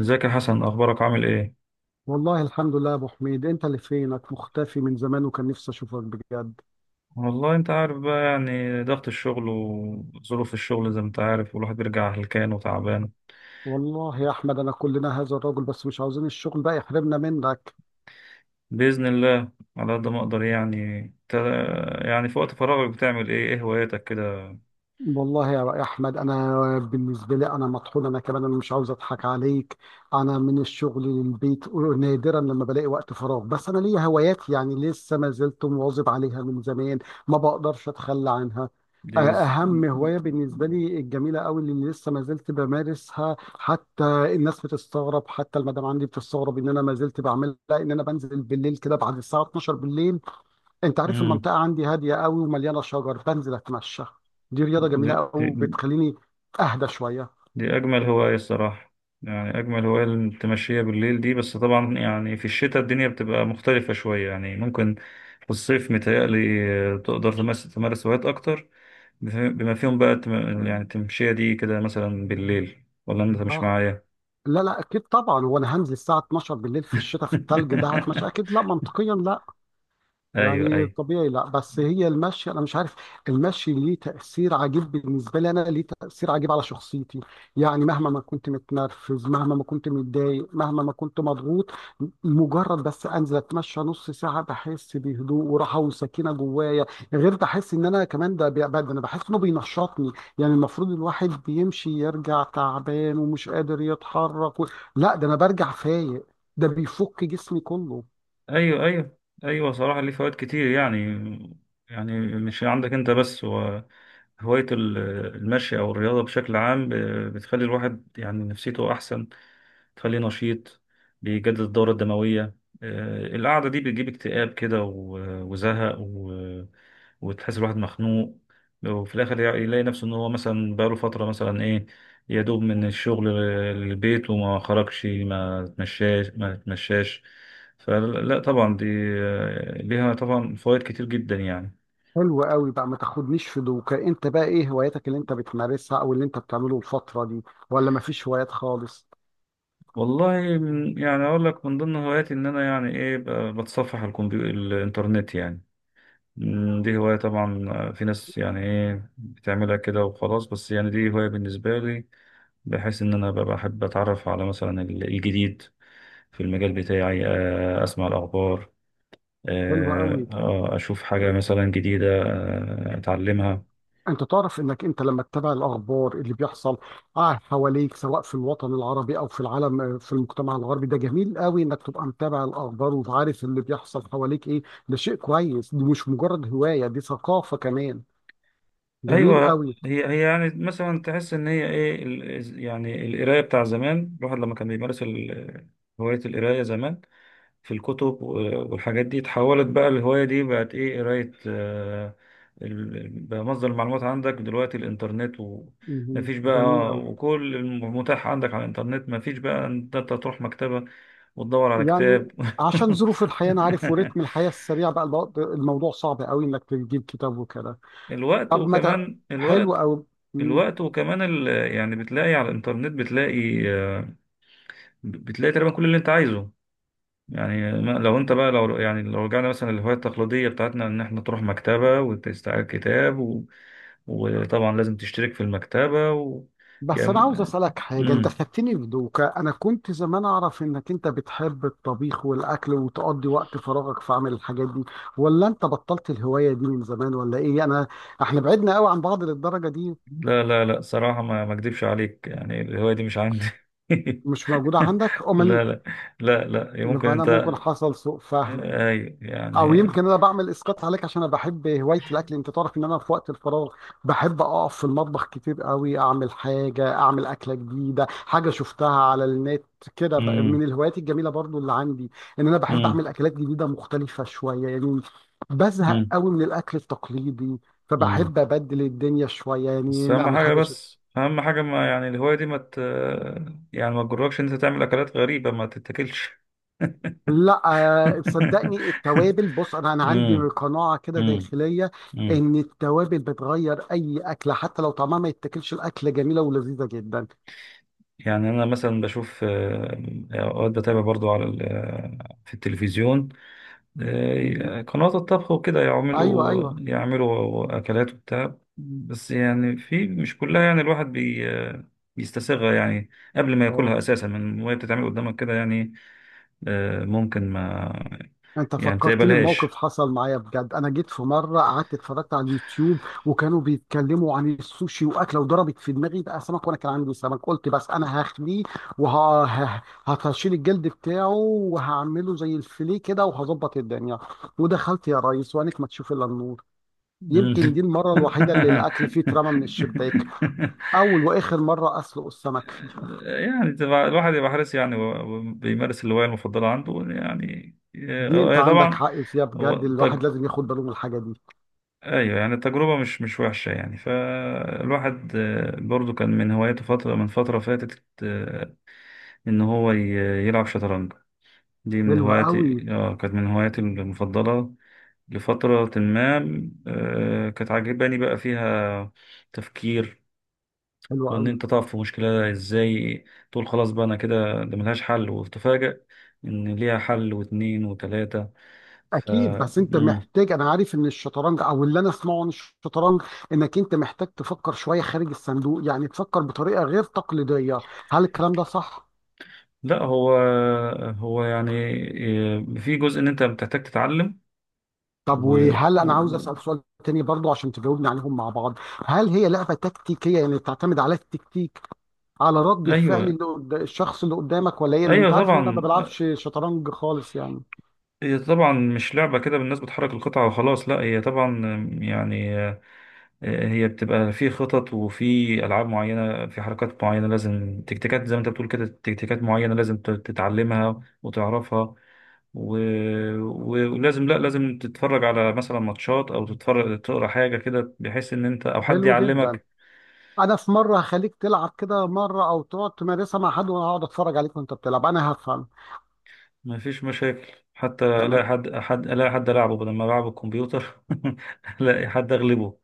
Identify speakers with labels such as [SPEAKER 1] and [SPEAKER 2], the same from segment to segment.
[SPEAKER 1] ازيك يا حسن، اخبارك؟ عامل ايه؟
[SPEAKER 2] والله الحمد لله يا ابو حميد، انت اللي فينك مختفي من زمان وكان نفسي اشوفك بجد.
[SPEAKER 1] والله انت عارف بقى، يعني ضغط الشغل وظروف الشغل زي ما انت عارف، والواحد بيرجع هلكان وتعبان.
[SPEAKER 2] والله يا احمد انا كلنا هذا الرجل، بس مش عاوزين الشغل بقى يحرمنا منك.
[SPEAKER 1] باذن الله على قد ما اقدر. يعني انت، يعني في وقت فراغك بتعمل ايه؟ ايه هواياتك كده؟
[SPEAKER 2] والله يا رأي أحمد، أنا بالنسبة لي أنا مطحون، أنا كمان أنا مش عاوز أضحك عليك. أنا من الشغل للبيت، نادرا لما بلاقي وقت فراغ، بس أنا ليا هوايات، يعني لسه ما زلت مواظب عليها من زمان، ما بقدرش أتخلى عنها. أ-
[SPEAKER 1] دي جز...
[SPEAKER 2] أهم هواية بالنسبة لي الجميلة أوي اللي لسه ما زلت بمارسها، حتى الناس بتستغرب، حتى المدام عندي بتستغرب إن أنا ما زلت بعملها، إن أنا بنزل بالليل كده بعد الساعة 12 بالليل. انت عارف
[SPEAKER 1] مم.
[SPEAKER 2] المنطقه عندي هاديه قوي ومليانه شجر، بنزل اتمشى. دي رياضه جميله قوي، وبتخليني اهدى شويه.
[SPEAKER 1] دي أجمل هواية الصراحة. يعني أجمل هواية التمشية بالليل دي، بس طبعا يعني في الشتاء الدنيا بتبقى مختلفة شوية، يعني ممكن في الصيف متهيألي تقدر تمارس هوايات أكتر، بما فيهم بقى يعني التمشية دي كده مثلا بالليل، ولا أنت مش
[SPEAKER 2] آه،
[SPEAKER 1] معايا؟
[SPEAKER 2] لا اكيد طبعا، وانا هنزل الساعه 12 بالليل في الشتاء في التلج ده هتمشى؟ اكيد لا، منطقيا لا،
[SPEAKER 1] أيوه
[SPEAKER 2] يعني
[SPEAKER 1] أيوه
[SPEAKER 2] طبيعي لا. بس هي المشي، انا مش عارف، المشي ليه تاثير عجيب بالنسبه لي، انا ليه تاثير عجيب على شخصيتي. يعني مهما ما كنت متنرفز، مهما ما كنت متضايق، مهما ما كنت مضغوط، مجرد بس انزل اتمشى نص ساعه بحس بهدوء وراحه وسكينه جوايا. غير بحس ان انا كمان، ده انا بحس انه بينشطني. يعني المفروض الواحد بيمشي يرجع تعبان ومش قادر يتحرك، و... لا، ده انا برجع فايق، ده بيفك جسمي كله.
[SPEAKER 1] ايوه، ايوه، ايوه صراحة ليه فوائد كتير يعني. يعني مش عندك انت بس، هو هواية المشي او الرياضة بشكل عام بتخلي الواحد يعني نفسيته احسن، تخليه نشيط، بيجدد الدورة الدموية. القعدة دي بتجيب اكتئاب كده وزهق وتحس الواحد مخنوق، وفي الآخر يلاقي نفسه إن هو مثلا بقاله فترة مثلا إيه، يدوب من الشغل للبيت، وما خرجش، ما تمشاش ما تمشاش. فلا طبعا دي، ليها طبعا فوائد كتير جدا يعني.
[SPEAKER 2] حلو قوي بقى، ما تاخدنيش في دوكا، انت بقى ايه هواياتك اللي انت بتمارسها او اللي انت بتعمله الفترة دي؟ ولا ما فيش هوايات خالص؟
[SPEAKER 1] والله من، يعني اقول لك، من ضمن هواياتي ان انا يعني ايه، بتصفح الكمبيوتر، الانترنت يعني. مم، دي هواية طبعا. في ناس يعني ايه بتعملها كده وخلاص، بس يعني دي هواية بالنسبة لي، بحيث ان انا ببقى احب اتعرف على مثلا الجديد في المجال بتاعي. اسمع الاخبار،
[SPEAKER 2] حلو قوي.
[SPEAKER 1] اشوف حاجة مثلا جديدة، اتعلمها.
[SPEAKER 2] انت تعرف انك انت لما تتابع الاخبار اللي بيحصل اه حواليك، سواء في الوطن العربي او في العالم، في المجتمع الغربي، ده جميل قوي انك تبقى متابع الاخبار وعارف اللي بيحصل حواليك ايه. ده شيء كويس، دي مش مجرد هواية، دي ثقافة كمان. جميل
[SPEAKER 1] ايوه،
[SPEAKER 2] قوي.
[SPEAKER 1] هي يعني مثلا تحس ان هي ايه يعني القرايه بتاع زمان، الواحد لما كان بيمارس هوايه القرايه زمان في الكتب والحاجات دي، اتحولت بقى الهوايه دي، بقت ايه، قرايه. بقى مصدر المعلومات عندك دلوقتي الانترنت،
[SPEAKER 2] مهم.
[SPEAKER 1] ومفيش
[SPEAKER 2] جميل
[SPEAKER 1] بقى،
[SPEAKER 2] قوي.
[SPEAKER 1] وكل المتاح عندك على الانترنت، مفيش بقى ان انت تروح مكتبه وتدور على
[SPEAKER 2] يعني
[SPEAKER 1] كتاب.
[SPEAKER 2] عشان ظروف الحياة، أنا عارف ورتم الحياة السريع بقى الموضوع صعب قوي إنك تجيب كتاب وكده.
[SPEAKER 1] الوقت،
[SPEAKER 2] طب ما ده
[SPEAKER 1] وكمان
[SPEAKER 2] حلو
[SPEAKER 1] الوقت،
[SPEAKER 2] أوي. مم.
[SPEAKER 1] الوقت، يعني بتلاقي على الانترنت بتلاقي، بتلاقي تقريبا كل اللي انت عايزه. يعني لو انت بقى، لو يعني لو رجعنا مثلا للهواية التقليدية بتاعتنا، ان احنا تروح مكتبة وتستعير كتاب، و... وطبعا لازم تشترك في المكتبة و... يا
[SPEAKER 2] بس أنا عاوز
[SPEAKER 1] م...
[SPEAKER 2] أسألك حاجة، أنت
[SPEAKER 1] مم.
[SPEAKER 2] خدتني في دوكا، أنا كنت زمان أعرف إنك أنت بتحب الطبيخ والأكل وتقضي وقت فراغك في عمل الحاجات دي، ولا أنت بطلت الهواية دي من زمان، ولا إيه؟ أنا إحنا بعدنا قوي عن بعض للدرجة دي؟
[SPEAKER 1] لا لا لا، صراحة، ما اكدبش عليك، يعني الهواية دي مش عندي.
[SPEAKER 2] مش موجودة عندك أمال؟
[SPEAKER 1] لا لا لا، لا، ممكن
[SPEAKER 2] يبقى أنا
[SPEAKER 1] انت،
[SPEAKER 2] ممكن حصل سوء فهم،
[SPEAKER 1] اي
[SPEAKER 2] او
[SPEAKER 1] يعني.
[SPEAKER 2] يمكن انا بعمل اسقاط عليك عشان انا بحب هوايه الاكل. انت تعرف ان انا في وقت الفراغ بحب اقف في المطبخ كتير قوي، اعمل حاجه، اعمل اكله جديده، حاجه شفتها على النت كده، بقى
[SPEAKER 1] مم.
[SPEAKER 2] من الهوايات الجميله برضو اللي عندي، ان انا بحب
[SPEAKER 1] مم.
[SPEAKER 2] اعمل اكلات جديده مختلفه شويه يعني. بزهق
[SPEAKER 1] مم.
[SPEAKER 2] قوي من الاكل التقليدي،
[SPEAKER 1] مم.
[SPEAKER 2] فبحب ابدل الدنيا شويه،
[SPEAKER 1] بس
[SPEAKER 2] يعني
[SPEAKER 1] اهم
[SPEAKER 2] نعمل
[SPEAKER 1] حاجه،
[SPEAKER 2] حاجه.
[SPEAKER 1] بس اهم حاجه ما، يعني الهوايه دي ما ت... يعني ما تجركش إن انت تعمل اكلات غريبه ما تتاكلش.
[SPEAKER 2] لا، صدقني التوابل، بص، انا عندي
[SPEAKER 1] امم
[SPEAKER 2] قناعه كده
[SPEAKER 1] امم
[SPEAKER 2] داخليه،
[SPEAKER 1] امم
[SPEAKER 2] ان التوابل بتغير اي اكله، حتى لو طعمها ما يتاكلش الاكله جميله ولذيذه جدا.
[SPEAKER 1] يعني انا مثلا بشوف، اوقات بتابع برضو على ال... في التلفزيون،
[SPEAKER 2] مهم.
[SPEAKER 1] قنوات الطبخ وكده،
[SPEAKER 2] ايوه
[SPEAKER 1] يعملوا،
[SPEAKER 2] ايوه.
[SPEAKER 1] يعملوا اكلات وبتاع، بس يعني في، مش كلها يعني الواحد بي آه، بيستساغها يعني قبل ما
[SPEAKER 2] اه،
[SPEAKER 1] ياكلها اساسا، من وهي بتتعمل قدامك كده يعني. ممكن ما،
[SPEAKER 2] انت
[SPEAKER 1] يعني
[SPEAKER 2] فكرتني بموقف
[SPEAKER 1] بتقبلهاش.
[SPEAKER 2] حصل معايا بجد. انا جيت في مره قعدت اتفرجت على اليوتيوب، وكانوا بيتكلموا عن السوشي واكله، وضربت في دماغي بقى سمك، وانا كان عندي سمك، قلت بس انا هخليه وهشيل الجلد بتاعه وهعمله زي الفيليه كده وهظبط الدنيا. ودخلت يا ريس وعينك ما تشوف الا النور. يمكن دي
[SPEAKER 1] مم.
[SPEAKER 2] المره الوحيده اللي الاكل فيه اترمى من الشباك، اول واخر مره اسلق السمك فيها.
[SPEAKER 1] يعني تبقى، الواحد يبقى حريص يعني، وبيمارس الهواية المفضلة عنده يعني.
[SPEAKER 2] دي انت
[SPEAKER 1] هي
[SPEAKER 2] عندك
[SPEAKER 1] طبعا.
[SPEAKER 2] حق فيها
[SPEAKER 1] هو
[SPEAKER 2] بجد،
[SPEAKER 1] تج...
[SPEAKER 2] الواحد لازم ياخد باله من الحاجه دي.
[SPEAKER 1] ايوه يعني التجربة مش مش وحشة يعني. فالواحد، برضو كان من هواياته فترة من فترة فاتت، ان هو يلعب شطرنج. دي من
[SPEAKER 2] حلوه قوي.
[SPEAKER 1] هواياتي، اه، كانت من هواياتي المفضلة لفترة ما. كانت عاجباني بقى فيها تفكير،
[SPEAKER 2] حلوه
[SPEAKER 1] وان
[SPEAKER 2] قوي.
[SPEAKER 1] انت تقف في مشكلة ازاي، تقول خلاص بقى انا كده ده ملهاش حل، وتفاجأ ان ليها حل واتنين وتلاتة. ف
[SPEAKER 2] اكيد، بس انت
[SPEAKER 1] مم.
[SPEAKER 2] محتاج، انا عارف ان الشطرنج او اللي انا اسمعه عن الشطرنج، انك انت محتاج تفكر شويه خارج الصندوق، يعني تفكر بطريقه غير تقليديه. هل الكلام ده صح؟
[SPEAKER 1] لا هو، هو يعني في جزء ان انت بتحتاج تتعلم
[SPEAKER 2] طب
[SPEAKER 1] و...
[SPEAKER 2] وهل
[SPEAKER 1] و...
[SPEAKER 2] انا، عاوز
[SPEAKER 1] و-
[SPEAKER 2] اسال سؤال تاني برضو عشان تجاوبني عليهم مع بعض، هل هي لعبه تكتيكيه؟ يعني تعتمد على التكتيك، على رد الفعل
[SPEAKER 1] ايوه،
[SPEAKER 2] اللي الشخص اللي قدامك، ولا ايه؟ لان
[SPEAKER 1] ايوه
[SPEAKER 2] انت عارف ان انا ما
[SPEAKER 1] طبعا.
[SPEAKER 2] بلعبش شطرنج خالص يعني.
[SPEAKER 1] هي طبعا مش لعبة كده بالناس بتحرك القطعة وخلاص، لا هي طبعا يعني، هي بتبقى في خطط، وفي ألعاب معينة، في حركات معينة، لازم تكتيكات زي ما أنت بتقول كده، تكتيكات معينة لازم تتعلمها وتعرفها، و... ولازم، لا لازم تتفرج على مثلا ماتشات، أو تتفرج تقرأ حاجة كده، بحيث إن أنت أو حد
[SPEAKER 2] حلو جدا.
[SPEAKER 1] يعلمك.
[SPEAKER 2] انا في مره هخليك تلعب كده مره، او تقعد تمارسها مع حد وانا هقعد اتفرج عليك وانت بتلعب، انا هفهم.
[SPEAKER 1] مفيش مشاكل، حتى لا
[SPEAKER 2] تمام.
[SPEAKER 1] حد ألعبه بدل ما ألعب الكمبيوتر. لا، حد أغلبه.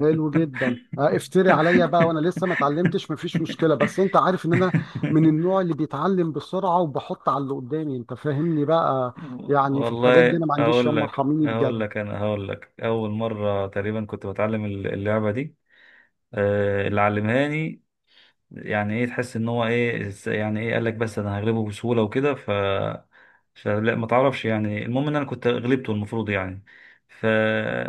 [SPEAKER 2] حلو جدا. افتري عليا بقى وانا لسه ما اتعلمتش، مفيش مشكله، بس انت عارف ان انا من النوع اللي بيتعلم بسرعه وبحط على اللي قدامي، انت فاهمني بقى. يعني في الحاجات دي
[SPEAKER 1] والله
[SPEAKER 2] انا ما عنديش
[SPEAKER 1] اقول
[SPEAKER 2] ياما،
[SPEAKER 1] لك
[SPEAKER 2] ارحميني
[SPEAKER 1] اقول
[SPEAKER 2] بجد.
[SPEAKER 1] لك انا هقول لك، اول مره تقريبا كنت بتعلم اللعبه دي، اللي علمهاني، يعني ايه، تحس ان هو ايه، يعني ايه، قال لك بس انا هغلبه بسهوله وكده، فلا ما تعرفش يعني، المهم ان انا كنت غلبته المفروض يعني. ف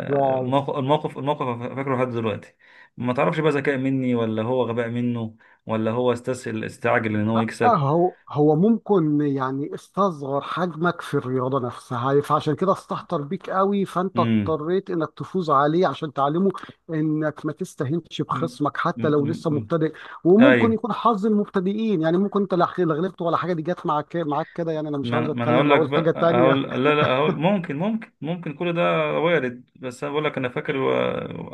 [SPEAKER 2] واو.
[SPEAKER 1] الموقف فاكره لحد دلوقتي. ما تعرفش بقى ذكاء مني ولا هو غباء منه، ولا هو استسهل، استعجل ان هو
[SPEAKER 2] اه،
[SPEAKER 1] يكسب.
[SPEAKER 2] هو ممكن يعني استصغر حجمك في الرياضة نفسها، فعشان كده استهتر بيك قوي، فانت
[SPEAKER 1] امم
[SPEAKER 2] اضطريت انك تفوز عليه عشان تعلمه انك ما تستهينش
[SPEAKER 1] امم
[SPEAKER 2] بخصمك حتى لو لسه
[SPEAKER 1] أمم.
[SPEAKER 2] مبتدئ. وممكن
[SPEAKER 1] ايوه.
[SPEAKER 2] يكون حظ المبتدئين يعني، ممكن انت لا غلبت ولا حاجة، دي جت معاك كده يعني، انا مش عاوز
[SPEAKER 1] ما انا هقول
[SPEAKER 2] اتكلم
[SPEAKER 1] لك
[SPEAKER 2] اقول حاجة
[SPEAKER 1] بقى، هقول
[SPEAKER 2] تانية.
[SPEAKER 1] لا لا، هقول ممكن، ممكن، ممكن كل ده وارد. بس انا بقول لك انا فاكر،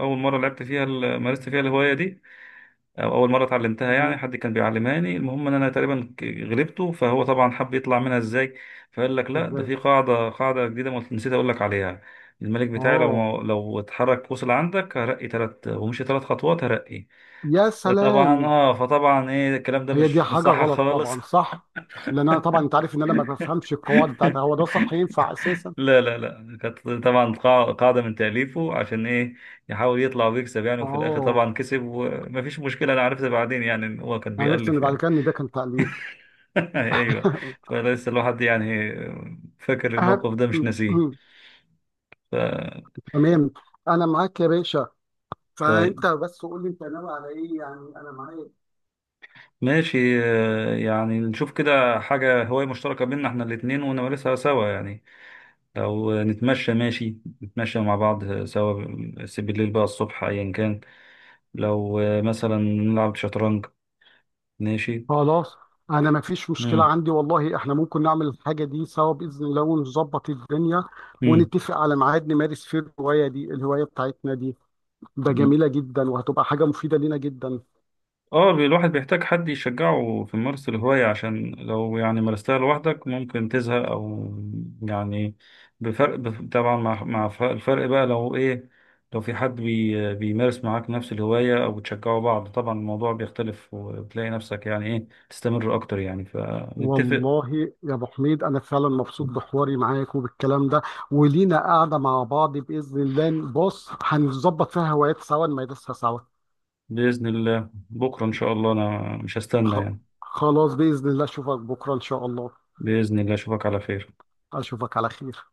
[SPEAKER 1] اول مره لعبت فيها مارست فيها الهوايه دي، او اول مره اتعلمتها
[SPEAKER 2] مم.
[SPEAKER 1] يعني، حد كان بيعلمهاني، المهم ان انا تقريبا غلبته، فهو طبعا حب يطلع منها ازاي، فقال لك لا ده
[SPEAKER 2] ازاي؟
[SPEAKER 1] في قاعده، قاعده جديده ما نسيت اقول لك عليها. الملك بتاعي
[SPEAKER 2] اه.
[SPEAKER 1] لو اتحرك وصل عندك هرقي، ثلاث ومشي ثلاث خطوات هرقي.
[SPEAKER 2] يا
[SPEAKER 1] فطبعا
[SPEAKER 2] سلام.
[SPEAKER 1] اه، فطبعا ايه، الكلام ده
[SPEAKER 2] هي دي
[SPEAKER 1] مش مش
[SPEAKER 2] حاجة
[SPEAKER 1] صح
[SPEAKER 2] غلط
[SPEAKER 1] خالص.
[SPEAKER 2] طبعا، صح؟ لان انا طبعا، انت عارف ان انا ما بفهمش القواعد بتاعتها، هو ده صح؟ ينفع اساسا؟
[SPEAKER 1] لا لا لا، كانت طبعا قاعدة من تأليفه عشان ايه، يحاول يطلع ويكسب يعني، وفي الآخر
[SPEAKER 2] اه،
[SPEAKER 1] طبعا كسب ومفيش مشكلة، أنا عرفت بعدين يعني إن هو كان
[SPEAKER 2] عرفت ان
[SPEAKER 1] بيألف
[SPEAKER 2] بعد
[SPEAKER 1] يعني.
[SPEAKER 2] كده ان ده كان تأليف.
[SPEAKER 1] أيوه. فلسه الواحد يعني فاكر الموقف ده، مش ناسيه. ف...
[SPEAKER 2] تمام. انا معاك يا باشا،
[SPEAKER 1] طيب،
[SPEAKER 2] فانت بس قول لي انت ناوي على ايه، يعني انا معاك.
[SPEAKER 1] ماشي. يعني نشوف كده حاجة هواية مشتركة بينا احنا الاتنين ونمارسها سوا يعني، لو نتمشى ماشي، نتمشى مع بعض سوا، بس بالليل بقى، الصبح، أيا كان، لو مثلا نلعب شطرنج ماشي.
[SPEAKER 2] خلاص، انا ما فيش مشكله عندي، والله احنا ممكن نعمل الحاجه دي سوا باذن الله ونظبط الدنيا،
[SPEAKER 1] مم.
[SPEAKER 2] ونتفق على ميعاد نمارس فيه الهوايه دي، الهوايه بتاعتنا دي، ده
[SPEAKER 1] مم.
[SPEAKER 2] جميله جدا وهتبقى حاجه مفيده لينا جدا.
[SPEAKER 1] اه، الواحد بيحتاج حد يشجعه في ممارسة الهواية، عشان لو يعني مارستها لوحدك ممكن تزهق أو، يعني، بفرق، طبعا مع، مع الفرق بقى لو إيه، لو في حد بيمارس معاك نفس الهواية أو بتشجعوا بعض، طبعا الموضوع بيختلف، وبتلاقي نفسك يعني إيه، تستمر أكتر يعني، فنتفق.
[SPEAKER 2] والله يا ابو حميد، انا فعلا مبسوط بحواري معاك وبالكلام ده، ولينا قاعده مع بعض باذن الله، بص هنظبط فيها هوايات سوا نمارسها سوا.
[SPEAKER 1] بإذن الله بكرة إن شاء الله أنا مش هستنى
[SPEAKER 2] خ-
[SPEAKER 1] يعني.
[SPEAKER 2] خلاص باذن الله اشوفك بكره ان شاء الله.
[SPEAKER 1] بإذن الله أشوفك على خير.
[SPEAKER 2] اشوفك على خير.